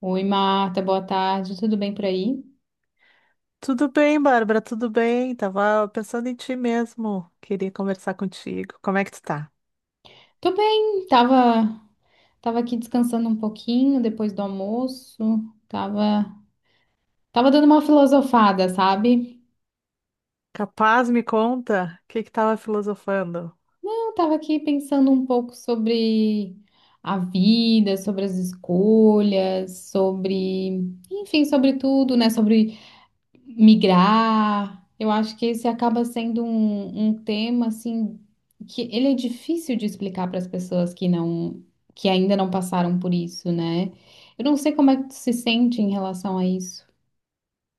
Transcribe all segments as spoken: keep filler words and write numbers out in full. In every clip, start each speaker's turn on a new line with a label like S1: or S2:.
S1: Oi, Marta, boa tarde. Tudo bem por aí?
S2: Tudo bem, Bárbara, tudo bem? Tava pensando em ti mesmo. Queria conversar contigo. Como é que tu tá?
S1: Tô bem, tava, tava aqui descansando um pouquinho depois do almoço. Tava, tava dando uma filosofada, sabe?
S2: Capaz, me conta o que que tava filosofando.
S1: Não, tava aqui pensando um pouco sobre a vida, sobre as escolhas, sobre, enfim, sobre tudo, né? Sobre migrar. Eu acho que esse acaba sendo um, um tema assim que ele é difícil de explicar para as pessoas que não que ainda não passaram por isso, né? Eu não sei como é que tu se sente em relação a isso.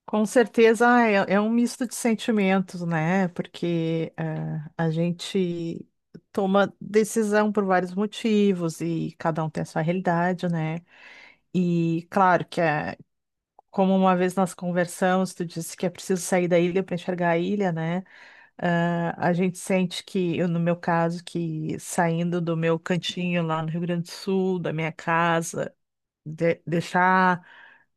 S2: Com certeza ah, é, é um misto de sentimentos, né? Porque eh, a gente toma decisão por vários motivos e cada um tem a sua realidade, né? E claro que é, como uma vez nós conversamos, tu disse que é preciso sair da ilha para enxergar a ilha, né? Ah, a gente sente que, eu, no meu caso, que saindo do meu cantinho lá no Rio Grande do Sul, da minha casa, de- deixar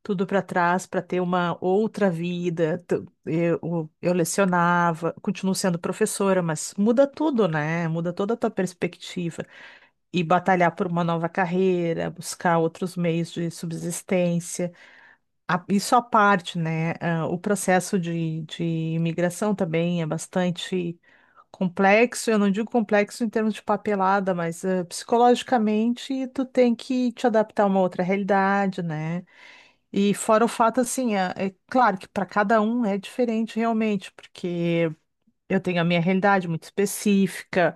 S2: tudo para trás para ter uma outra vida. tu- Eu, eu lecionava, continuo sendo professora, mas muda tudo, né? Muda toda a tua perspectiva. E batalhar por uma nova carreira, buscar outros meios de subsistência. A- Isso à parte, né? ah, O processo de, de imigração também é bastante complexo. Eu não digo complexo em termos de papelada, mas ah, psicologicamente tu tem que te adaptar a uma outra realidade, né? E fora o fato, assim, ah, é claro que para cada um é diferente realmente, porque eu tenho a minha realidade muito específica,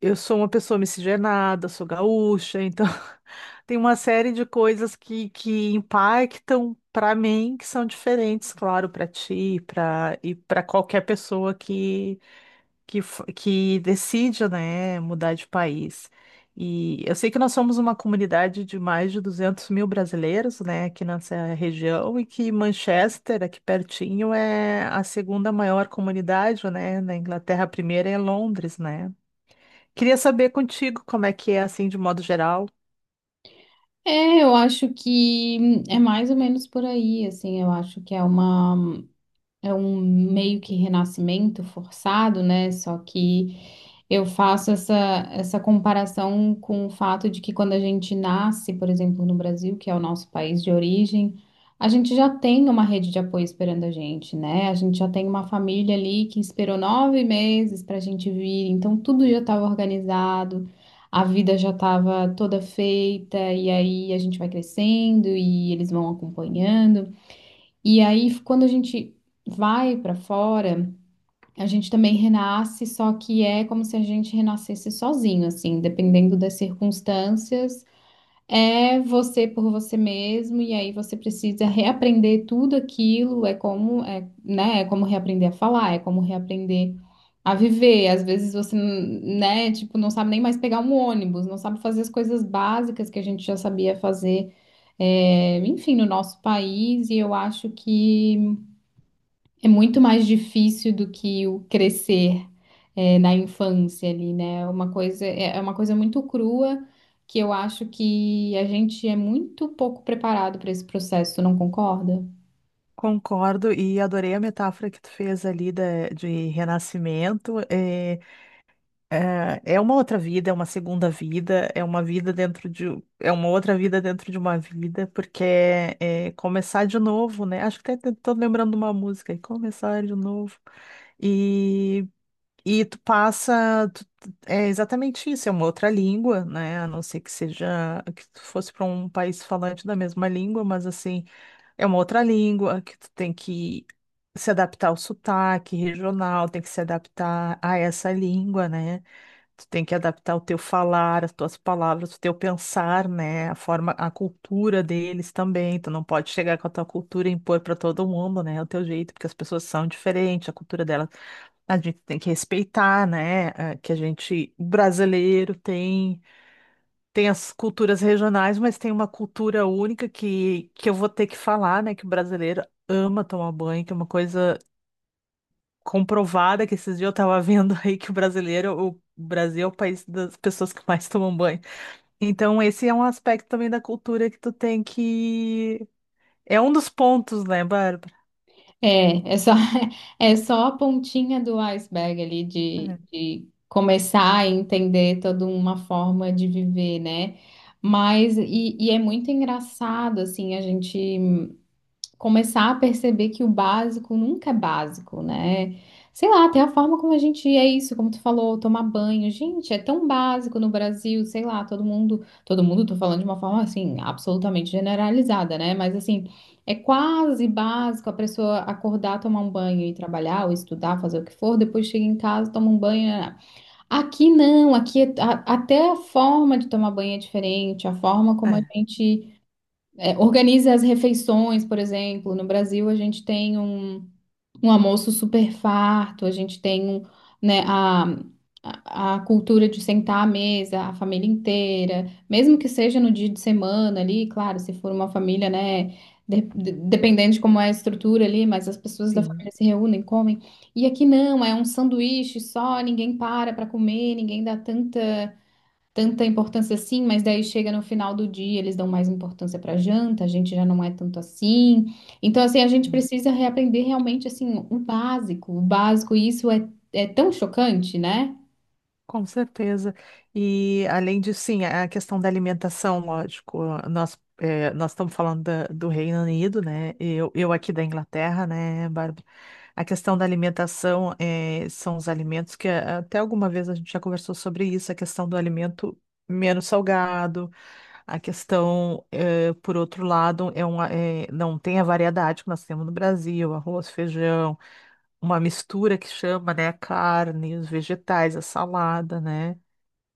S2: eu sou uma pessoa miscigenada, sou gaúcha, então tem uma série de coisas que, que impactam para mim, que são diferentes, claro, para ti, para e para qualquer pessoa que, que f- que decide, né, mudar de país. E eu sei que nós somos uma comunidade de mais de duzentos mil brasileiros, né, aqui nessa região, e que Manchester, aqui pertinho, é a segunda maior comunidade, né, na Inglaterra, a primeira é Londres, né. Queria saber contigo como é que é, assim, de modo geral.
S1: É, eu acho que é mais ou menos por aí, assim, eu acho que é uma é um meio que renascimento forçado, né? Só que eu faço essa, essa comparação com o fato de que quando a gente nasce, por exemplo, no Brasil, que é o nosso país de origem, a gente já tem uma rede de apoio esperando a gente, né? A gente já tem uma família ali que esperou nove meses para a gente vir, então tudo já estava organizado. A vida já estava toda feita, e aí a gente vai crescendo e eles vão acompanhando. E aí, quando a gente vai para fora, a gente também renasce, só que é como se a gente renascesse sozinho, assim, dependendo das circunstâncias. É você por você mesmo, e aí você precisa reaprender tudo aquilo, é como, é, né, é como reaprender a falar, é como reaprender a viver. Às vezes você, né, tipo, não sabe nem mais pegar um ônibus, não sabe fazer as coisas básicas que a gente já sabia fazer, é, enfim, no nosso país, e eu acho que é muito mais difícil do que o crescer eh, na infância ali, né? É uma coisa, é é uma coisa muito crua que eu acho que a gente é muito pouco preparado para esse processo, tu não concorda?
S2: Concordo e adorei a metáfora que tu fez ali da, de renascimento. É, é, é uma outra vida, é uma segunda vida, é uma vida dentro de, é uma outra vida dentro de uma vida, porque é, é começar de novo, né? Acho que até estou lembrando de uma música, aí, começar de novo. E E tu passa, tu- é exatamente isso, é uma outra língua, né? A não ser que seja que tu fosse para um país falante da mesma língua, mas assim, é uma outra língua que tu tem que se adaptar ao sotaque regional, tem que se adaptar a essa língua, né? Tu tem que adaptar o teu falar, as tuas palavras, o teu pensar, né? A forma, a cultura deles também. Tu não pode chegar com a tua cultura e impor para todo mundo, né? O teu jeito, porque as pessoas são diferentes, a cultura delas a gente tem que respeitar, né? eh, Que a gente, o brasileiro tem tem as culturas regionais, mas tem uma cultura única que, que eu vou ter que falar, né? Que o brasileiro ama tomar banho, que é uma coisa comprovada, que esses dias eu tava vendo aí que o brasileiro, o Brasil é o país das pessoas que mais tomam banho. Então, esse é um aspecto também da cultura que tu tem que. É um dos pontos, né, Bárbara?
S1: É, é só, é só a pontinha do iceberg ali de, de começar a entender toda uma forma de viver, né? Mas, e, e é muito engraçado, assim, a gente começar a perceber que o básico nunca é básico, né? Sei lá, até a forma como a gente é isso, como tu falou, tomar banho. Gente, é tão básico no Brasil, sei lá, todo mundo, todo mundo, tô falando de uma forma assim, absolutamente generalizada, né? Mas assim, é quase básico a pessoa acordar, tomar um banho e trabalhar, ou estudar, fazer o que for, depois chega em casa, toma um banho, né? Aqui não, aqui é- a- até a forma de tomar banho é diferente, a forma
S2: É,
S1: como a
S2: é,
S1: gente é, organiza as refeições, por exemplo. No Brasil, a gente tem um, um almoço super farto, a gente tem um, né, a, a a cultura de sentar à mesa, a família inteira, mesmo que seja no dia de semana ali, claro, se for uma família, né, de- de- dependendo de como é a estrutura ali, mas as pessoas da
S2: sim.
S1: família se reúnem, comem. E aqui não, é um sanduíche só, ninguém para para comer, ninguém dá tanta tanta importância assim, mas daí chega no final do dia, eles dão mais importância para janta, a gente já não é tanto assim. Então, assim, a gente precisa reaprender realmente, assim, o básico, o básico, e isso é, é tão chocante, né?
S2: Com certeza. E além disso, sim, a questão da alimentação, lógico, nós, eh, nós estamos falando da- do Reino Unido, né? Eu, eu aqui da Inglaterra, né, Bárbara? A questão da alimentação eh, são os alimentos que eh, até alguma vez a gente já conversou sobre isso, a questão do alimento menos salgado, a questão, eh, por outro lado, é uma, eh, não tem a variedade que nós temos no Brasil, arroz, feijão, uma mistura que chama, né, carne, os vegetais, a salada, né?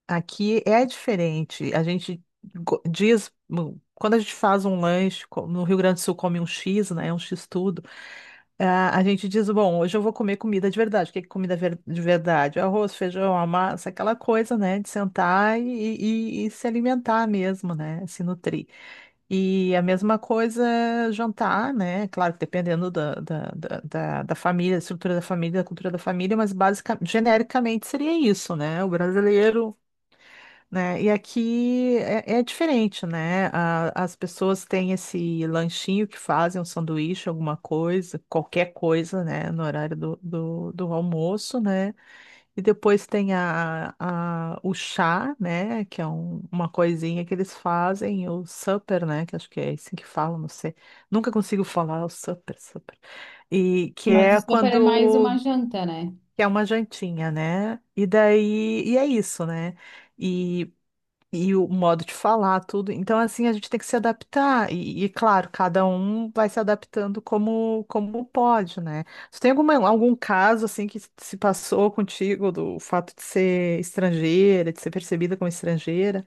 S2: Aqui é diferente. A gente go- diz, hum, quando a gente faz um lanche, co- no Rio Grande do Sul come um X, né? Um X tudo. Ah, a gente diz, bom, hoje eu vou comer comida de verdade. O que é comida ver- de verdade? Arroz, feijão, a massa, aquela coisa, né? De sentar e, e- e se alimentar mesmo, né? Se nutrir. E a mesma coisa jantar, né? Claro que dependendo da, da, da, da- da família, da estrutura da família, da cultura da família, mas basicamente, genericamente seria isso, né? O brasileiro né? E aqui é, é diferente, né? A- as pessoas têm esse lanchinho que fazem, um sanduíche, alguma coisa, qualquer coisa, né? No horário do, do, do almoço, né? E depois tem a, a, o chá, né? Que é um- uma coisinha que eles fazem, o supper, né? Que acho que é assim que falam, não sei. Nunca consigo falar o supper, supper. E que
S1: Mas o
S2: é
S1: supper é mais uma
S2: quando...
S1: janta, né?
S2: que é uma jantinha, né? E daí, e é isso, né? e e o modo de falar, tudo. Então, assim, a gente tem que se adaptar. E, e, claro, cada um vai se adaptando como, como pode, né? Tu tem alguma, algum caso, assim, que se passou contigo do fato de ser estrangeira, de ser percebida como estrangeira?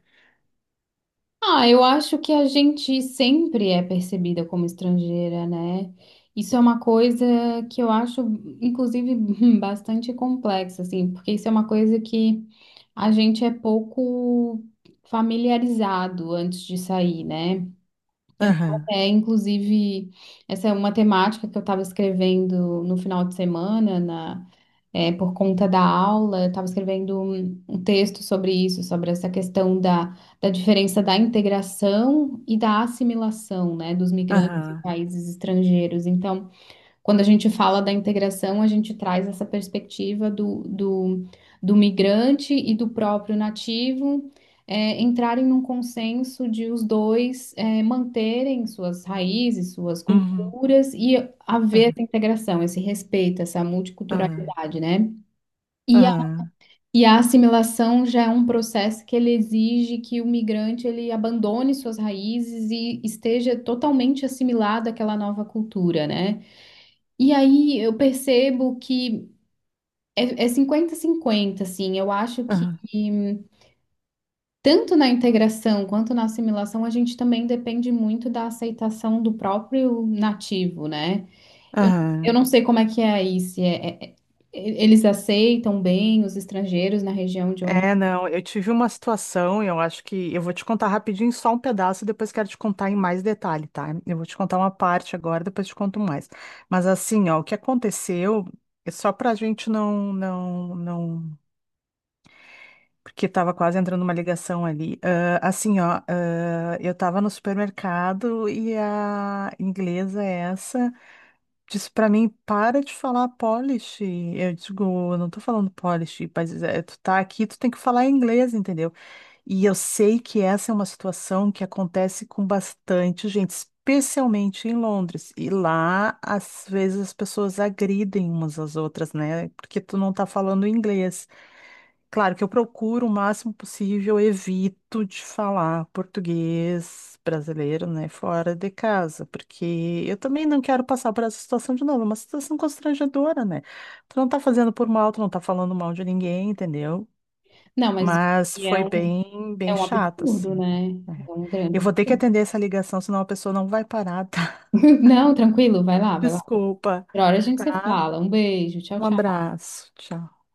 S1: Ah, eu acho que a gente sempre é percebida como estrangeira, né? Isso é uma coisa que eu acho, inclusive, bastante complexa, assim, porque isso é uma coisa que a gente é pouco familiarizado antes de sair, né? Eu tava
S2: Aham,
S1: até, inclusive, essa é uma temática que eu estava escrevendo no final de semana, na, é, por conta da aula, eu estava escrevendo um, um texto sobre isso, sobre essa questão da, da diferença da integração e da assimilação, né, dos migrantes em
S2: aham,
S1: países estrangeiros. Então, quando a gente fala da integração, a gente traz essa perspectiva do, do, do migrante e do próprio nativo eh, entrarem num consenso de os dois eh, manterem suas raízes, suas
S2: uhum,
S1: culturas e haver
S2: aham,
S1: essa integração, esse respeito, essa
S2: aham,
S1: multiculturalidade, né? E a,
S2: aham,
S1: e a assimilação já é um processo que ele exige que o migrante ele abandone suas raízes e esteja totalmente assimilado àquela nova cultura, né? E aí eu percebo que é é cinquenta a cinquenta, assim. Eu acho que
S2: aham,
S1: tanto na integração quanto na assimilação a gente também depende muito da aceitação do próprio nativo, né? Eu, eu
S2: aham.
S1: não sei como é que é aí, se é, é- é- eles aceitam bem os estrangeiros na região de onde.
S2: É, não, eu tive uma situação, eu acho que eu vou te contar rapidinho só um pedaço, depois quero te contar em mais detalhe, tá? Eu vou te contar uma parte agora, depois te conto mais. Mas assim, ó, o que aconteceu, é só pra gente não, não, não, porque tava quase entrando uma ligação ali. Ah, assim, ó, ah, eu tava no supermercado e a inglesa essa disse pra mim, para de falar polish. Eu digo, "Eu não tô falando polish, mas é, tu tá aqui, tu tem que falar inglês, entendeu? E eu sei que essa é uma situação que acontece com bastante gente, especialmente em Londres. E lá, às vezes, as pessoas agridem umas às outras, né? Porque tu não tá falando inglês. Claro que eu procuro o máximo possível, evito de falar português brasileiro, né? Fora de casa, porque eu também não quero passar por essa situação de novo, é uma situação constrangedora, né? Tu não tá fazendo por mal, tu não tá falando mal de ninguém, entendeu?
S1: Não, mas
S2: Mas
S1: e é
S2: foi
S1: um,
S2: bem,
S1: é
S2: bem
S1: um
S2: chato,
S1: absurdo,
S2: assim.
S1: né?
S2: Né?
S1: É um
S2: Eu
S1: grande.
S2: vou ter que atender essa ligação, senão a pessoa não vai parar, tá?
S1: Não, tranquilo, vai lá, vai lá.
S2: Desculpa,
S1: Outra hora a gente se
S2: tá?
S1: fala. Um beijo, tchau,
S2: Um
S1: tchau.
S2: abraço, tchau.